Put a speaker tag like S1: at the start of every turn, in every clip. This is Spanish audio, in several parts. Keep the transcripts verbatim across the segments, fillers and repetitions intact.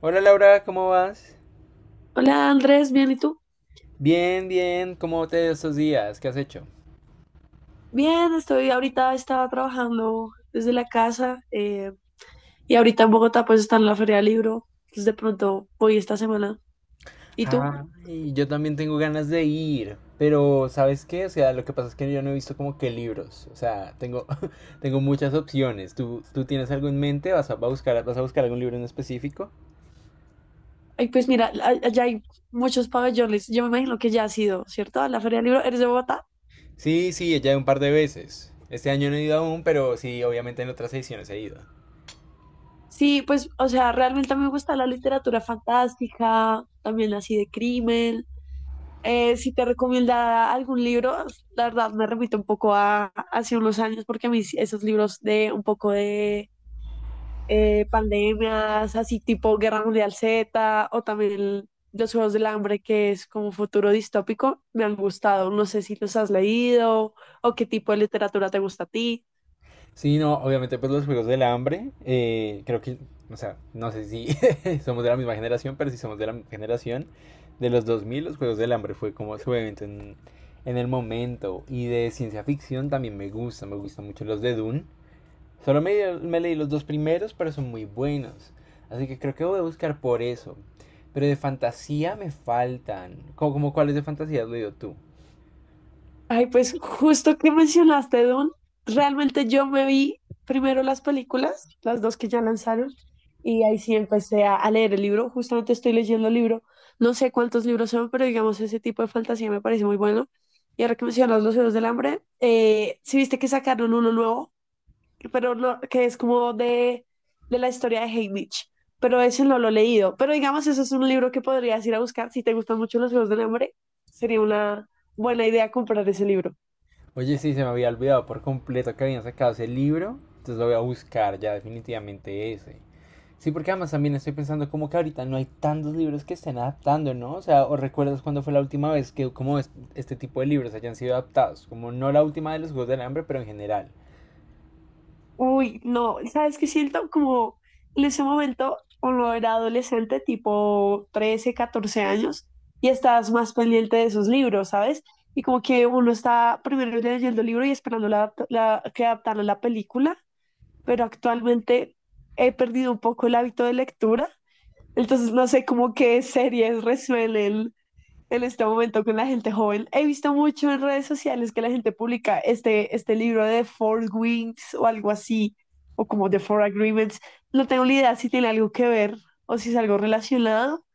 S1: Hola Laura, ¿cómo vas?
S2: Hola Andrés, bien, ¿y tú?
S1: Bien, bien, ¿cómo te ha ido estos días? ¿Qué has hecho?
S2: Bien, estoy ahorita, estaba trabajando desde la casa, eh, y ahorita en Bogotá pues está en la Feria del Libro, entonces de pronto voy esta semana. ¿Y tú?
S1: Ay, yo también tengo ganas de ir, pero ¿sabes qué? O sea, lo que pasa es que yo no he visto como que libros, o sea, tengo, tengo muchas opciones. ¿Tú, tú tienes algo en mente? ¿Vas a, va a buscar, vas a buscar algún libro en específico?
S2: Ay, pues mira, a- allá hay muchos pabellones, yo me imagino que ya has ido, ¿cierto? A la Feria del Libro, ¿eres de Bogotá?
S1: Sí, sí, ya un par de veces. Este año no he ido aún, pero sí, obviamente en otras ediciones he ido.
S2: Sí, pues, o sea, realmente a mí me gusta la literatura fantástica, también así de crimen. Eh, si te recomienda algún libro, la verdad me remito un poco a hace unos años porque a mí sí, esos libros de un poco de eh, pandemias, así tipo Guerra Mundial Z o también el- los Juegos del Hambre, que es como futuro distópico, me han gustado. No sé si los has leído o qué tipo de literatura te gusta a ti.
S1: Sí, no, obviamente, pues los Juegos del Hambre, eh, creo que, o sea, no sé si somos de la misma generación, pero si somos de la generación de los dos mil, los Juegos del Hambre fue como su evento en, en el momento. Y de ciencia ficción también me gusta, me gustan mucho los de Dune. Solo me, me leí los dos primeros, pero son muy buenos. Así que creo que voy a buscar por eso. Pero de fantasía me faltan. ¿Cómo, como cuáles de fantasía has leído tú?
S2: Ay, pues justo que mencionaste Dune, realmente yo me vi primero las películas, las dos que ya lanzaron, y ahí sí empecé a, a leer el libro. Justamente estoy leyendo el libro, no sé cuántos libros son, pero digamos ese tipo de fantasía me parece muy bueno. Y ahora que mencionas Los Juegos del Hambre, eh, sí viste que sacaron uno nuevo, pero no, que es como de, de la historia de Haymitch, pero ese no lo he leído. Pero digamos, eso es un libro que podrías ir a buscar si te gustan mucho Los Juegos del Hambre, sería una buena idea comprar ese libro.
S1: Oye, sí, se me había olvidado por completo que habían sacado ese libro. Entonces lo voy a buscar ya definitivamente ese. Sí, porque además también estoy pensando como que ahorita no hay tantos libros que estén adaptando, ¿no? O sea, ¿o recuerdas cuándo fue la última vez que como es- este tipo de libros hayan sido adaptados? Como no la última de los Juegos del Hambre, pero en general.
S2: Uy, no, ¿sabes qué siento? Como en ese momento uno era adolescente, tipo trece catorce años, y estás más pendiente de esos libros, ¿sabes? Y como que uno está primero leyendo el libro y esperando la, adapta- la- que adaptaran la película, pero actualmente he perdido un poco el hábito de lectura, entonces no sé cómo qué series resuelven en este momento con la gente joven. He visto mucho en redes sociales que la gente publica este, este libro de Four Wings o algo así, o como The Four Agreements. No tengo ni idea si tiene algo que ver o si es algo relacionado.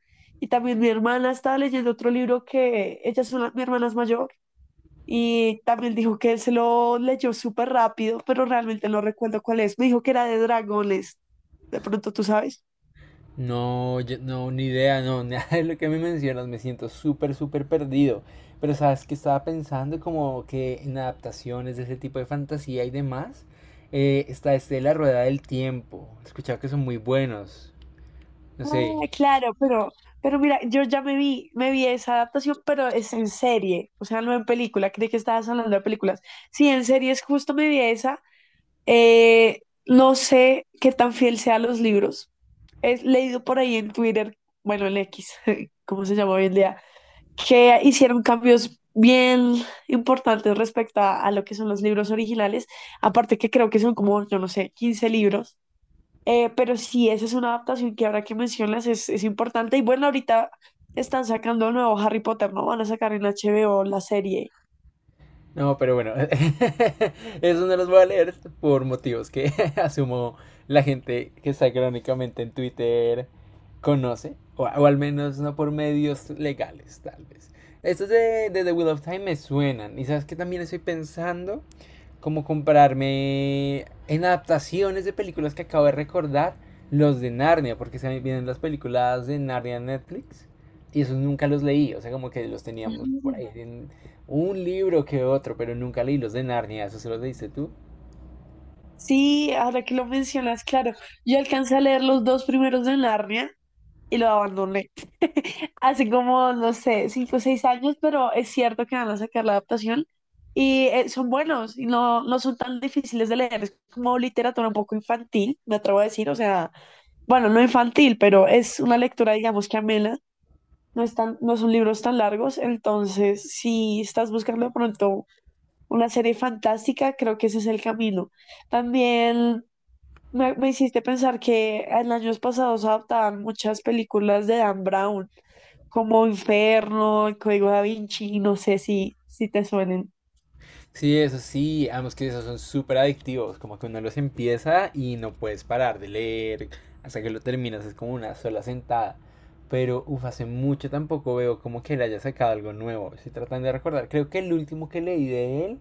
S2: Y también mi hermana estaba leyendo otro libro que ella es una, mi hermana es mayor y también dijo que él se lo leyó súper rápido, pero realmente no recuerdo cuál es. Me dijo que era de dragones. De pronto tú sabes.
S1: No, yo- no, ni idea, no, nada de lo que me mencionas, me siento súper, súper perdido. Pero sabes que estaba pensando como que en adaptaciones de ese tipo de fantasía y demás, eh, está este de La Rueda del Tiempo. He escuchado que son muy buenos. No sé.
S2: Ah, claro, pero, pero mira, yo ya me vi, me vi esa adaptación, pero es en serie, o sea, no en película. Creí que estabas hablando de películas. Sí, en serie es justo me vi esa. Eh, no sé qué tan fiel sea a los libros. Es leído por ahí en Twitter, bueno, en X, ¿cómo se llama hoy en día? Que hicieron cambios bien importantes respecto a, a lo que son los libros originales, aparte que creo que son como, yo no sé, quince libros. Eh, pero sí, esa es una adaptación que ahora que mencionas es, es importante y bueno, ahorita están sacando el nuevo Harry Potter, ¿no? Van a sacar en H B O la serie.
S1: No, pero bueno, eso no los voy a leer por motivos que asumo la gente que está crónicamente en Twitter conoce, o, o al menos no por medios legales, tal vez. Estos de, de The Wheel of Time me suenan, y sabes que también estoy pensando como comprarme en adaptaciones de películas que acabo de recordar, los de Narnia, porque se vienen las películas de Narnia en Netflix y esos nunca los leí, o sea, como que los teníamos por ahí en un libro que otro, pero nunca leí los de Narnia, ¿eso se los leíste tú?
S2: Sí, ahora que lo mencionas, claro, yo alcancé a leer los dos primeros de Narnia y lo abandoné. Hace como, no sé, cinco o seis años, pero es cierto que van a sacar la adaptación y, eh, son buenos y no, no son tan difíciles de leer. Es como literatura un poco infantil, me atrevo a decir, o sea, bueno, no infantil, pero es una lectura, digamos, que amena. No es tan- no son libros tan largos, entonces si estás buscando de pronto una serie fantástica, creo que ese es el camino. También me, me hiciste pensar que en años pasados adaptaban muchas películas de Dan Brown, como Inferno, El Código Da Vinci, no sé si, si te suenen.
S1: Sí, eso sí, ambos que esos son súper adictivos, como que uno los empieza y no puedes parar de leer hasta que lo terminas, es como una sola sentada. Pero, uff, hace mucho tampoco veo como que él haya sacado algo nuevo. Estoy tratando de recordar, creo que el último que leí de él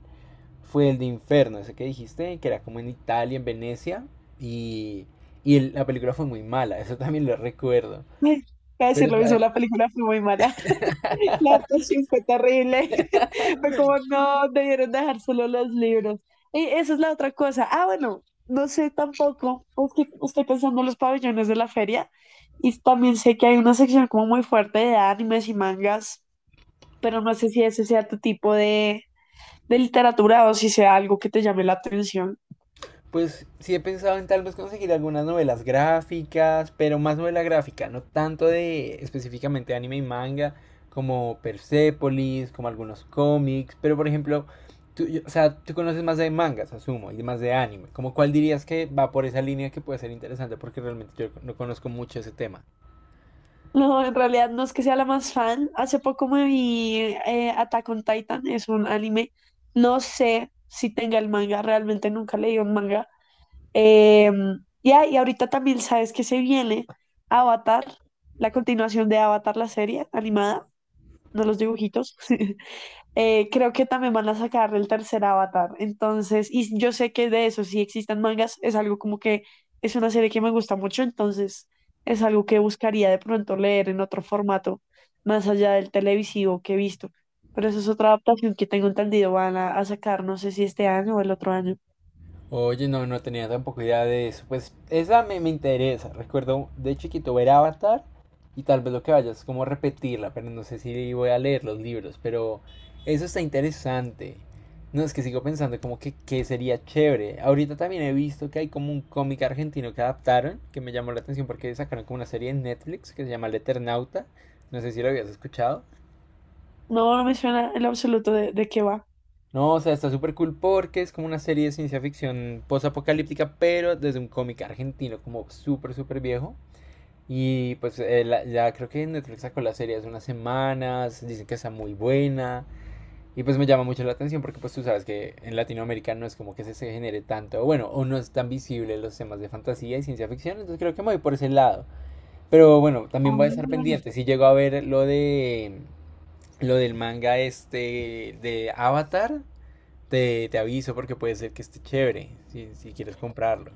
S1: fue el de Inferno, ese que dijiste, que era como en Italia, en Venecia, y, y el- la película fue muy mala, eso también lo recuerdo.
S2: Ay, voy a
S1: Pero
S2: decir lo mismo, la película fue muy mala, la adaptación fue terrible, fue como no, debieron dejar solo los libros. Y esa es la otra cosa. Ah, bueno, no sé tampoco, es que estoy pensando en los pabellones de la feria y también sé que hay una sección como muy fuerte de animes y mangas. Pero no sé si ese sea tu tipo de, de literatura o si sea algo que te llame la atención.
S1: pues sí he pensado en tal vez conseguir algunas novelas gráficas, pero más novela gráfica, no tanto de específicamente anime y manga, como Persepolis, como algunos cómics, pero por ejemplo, tú, yo- o sea, tú conoces más de mangas, asumo, y más de anime, como cuál dirías que va por esa línea que puede ser interesante, porque realmente yo no conozco mucho ese tema.
S2: No, en realidad no es que sea la más fan. Hace poco me vi, eh, Attack on Titan, es un anime. No sé si tenga el manga, realmente nunca leí un manga. Eh, ya, y ahorita también sabes que se viene Avatar, la continuación de Avatar, la serie animada. No los dibujitos. Eh, creo que también van a sacar el tercer Avatar. Entonces, y yo sé que de eso, si existen mangas, es algo como que es una serie que me gusta mucho, entonces es algo que buscaría de pronto leer en otro formato, más allá del televisivo que he visto. Pero eso es otra adaptación que tengo entendido, van a, a sacar, no sé si este año o el otro año.
S1: Oye, no, no tenía tampoco idea de eso. Pues esa me, me interesa. Recuerdo de chiquito ver Avatar y tal vez lo que vaya es como repetirla, pero no sé si voy a leer los libros. Pero eso está interesante. No, es que sigo pensando como que, que sería chévere. Ahorita también he visto que hay como un cómic argentino que adaptaron, que me llamó la atención porque sacaron como una serie en Netflix que se llama El Eternauta. No sé si lo habías escuchado.
S2: No, no me suena en lo absoluto de, de qué va.
S1: No, o sea, está súper cool porque es como una serie de ciencia ficción post apocalíptica pero desde un cómic argentino, como súper, súper viejo. Y pues eh, la- ya creo que Netflix sacó la serie hace unas semanas, dicen que está muy buena. Y pues me llama mucho la atención porque pues tú sabes que en Latinoamérica no es como que se, se genere tanto, o bueno, o no es tan visible los temas de fantasía y ciencia ficción, entonces creo que me voy por ese lado. Pero bueno, también
S2: Ah,
S1: voy a estar pendiente. Si llego a ver lo de lo del manga este de Avatar, te, te aviso porque puede ser que esté chévere si, si quieres comprarlo.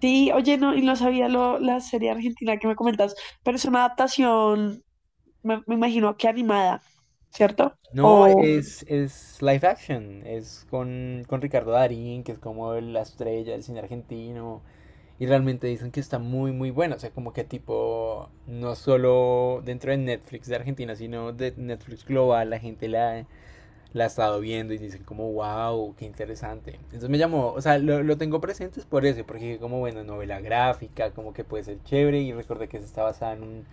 S2: sí, oye, no, y no sabía lo, la serie argentina que me comentas, pero es una adaptación, me, me imagino que animada, ¿cierto?
S1: No,
S2: O,
S1: es, es live action, es con, con Ricardo Darín, que es como el- la estrella del cine argentino, y realmente dicen que está muy, muy bueno, o sea, como que tipo, no solo dentro de Netflix de Argentina, sino de Netflix global, la gente la, la ha estado viendo y dicen como, wow, qué interesante. Entonces me llamó, o sea, lo, lo tengo presente es por eso, porque dije como, bueno, novela gráfica, como que puede ser chévere y recordé que se está basada en un,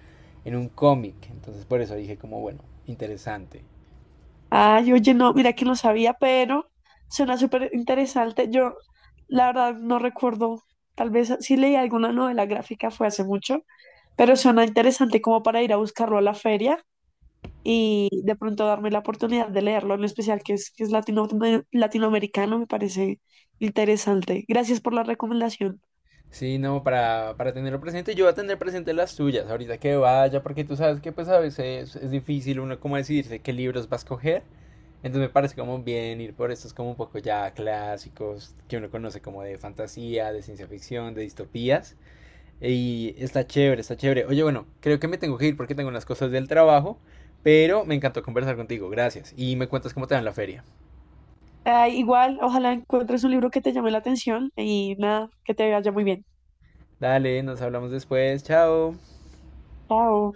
S1: en un cómic. Entonces por eso dije como, bueno, interesante.
S2: ay, oye, no, mira que no sabía, pero suena súper interesante. Yo, la verdad, no recuerdo, tal vez sí leí alguna novela gráfica, fue hace mucho, pero suena interesante como para ir a buscarlo a la feria y de pronto darme la oportunidad de leerlo, en especial que es, que es latino- latinoamericano, me parece interesante. Gracias por la recomendación.
S1: Sí, no, para, para tenerlo presente, yo voy a tener presente las tuyas ahorita que vaya, porque tú sabes que pues a veces es difícil uno como decidirse qué libros va a escoger. Entonces me parece como bien ir por estos como un poco ya clásicos, que uno conoce como de fantasía, de ciencia ficción, de distopías. Y está chévere, está chévere. Oye, bueno, creo que me tengo que ir porque tengo unas cosas del trabajo, pero me encantó conversar contigo, gracias. Y me cuentas cómo te va en la feria.
S2: Ah, igual, ojalá encuentres un libro que te llame la atención y nada, que te vaya muy bien.
S1: Dale, nos hablamos después, chao.
S2: Chao.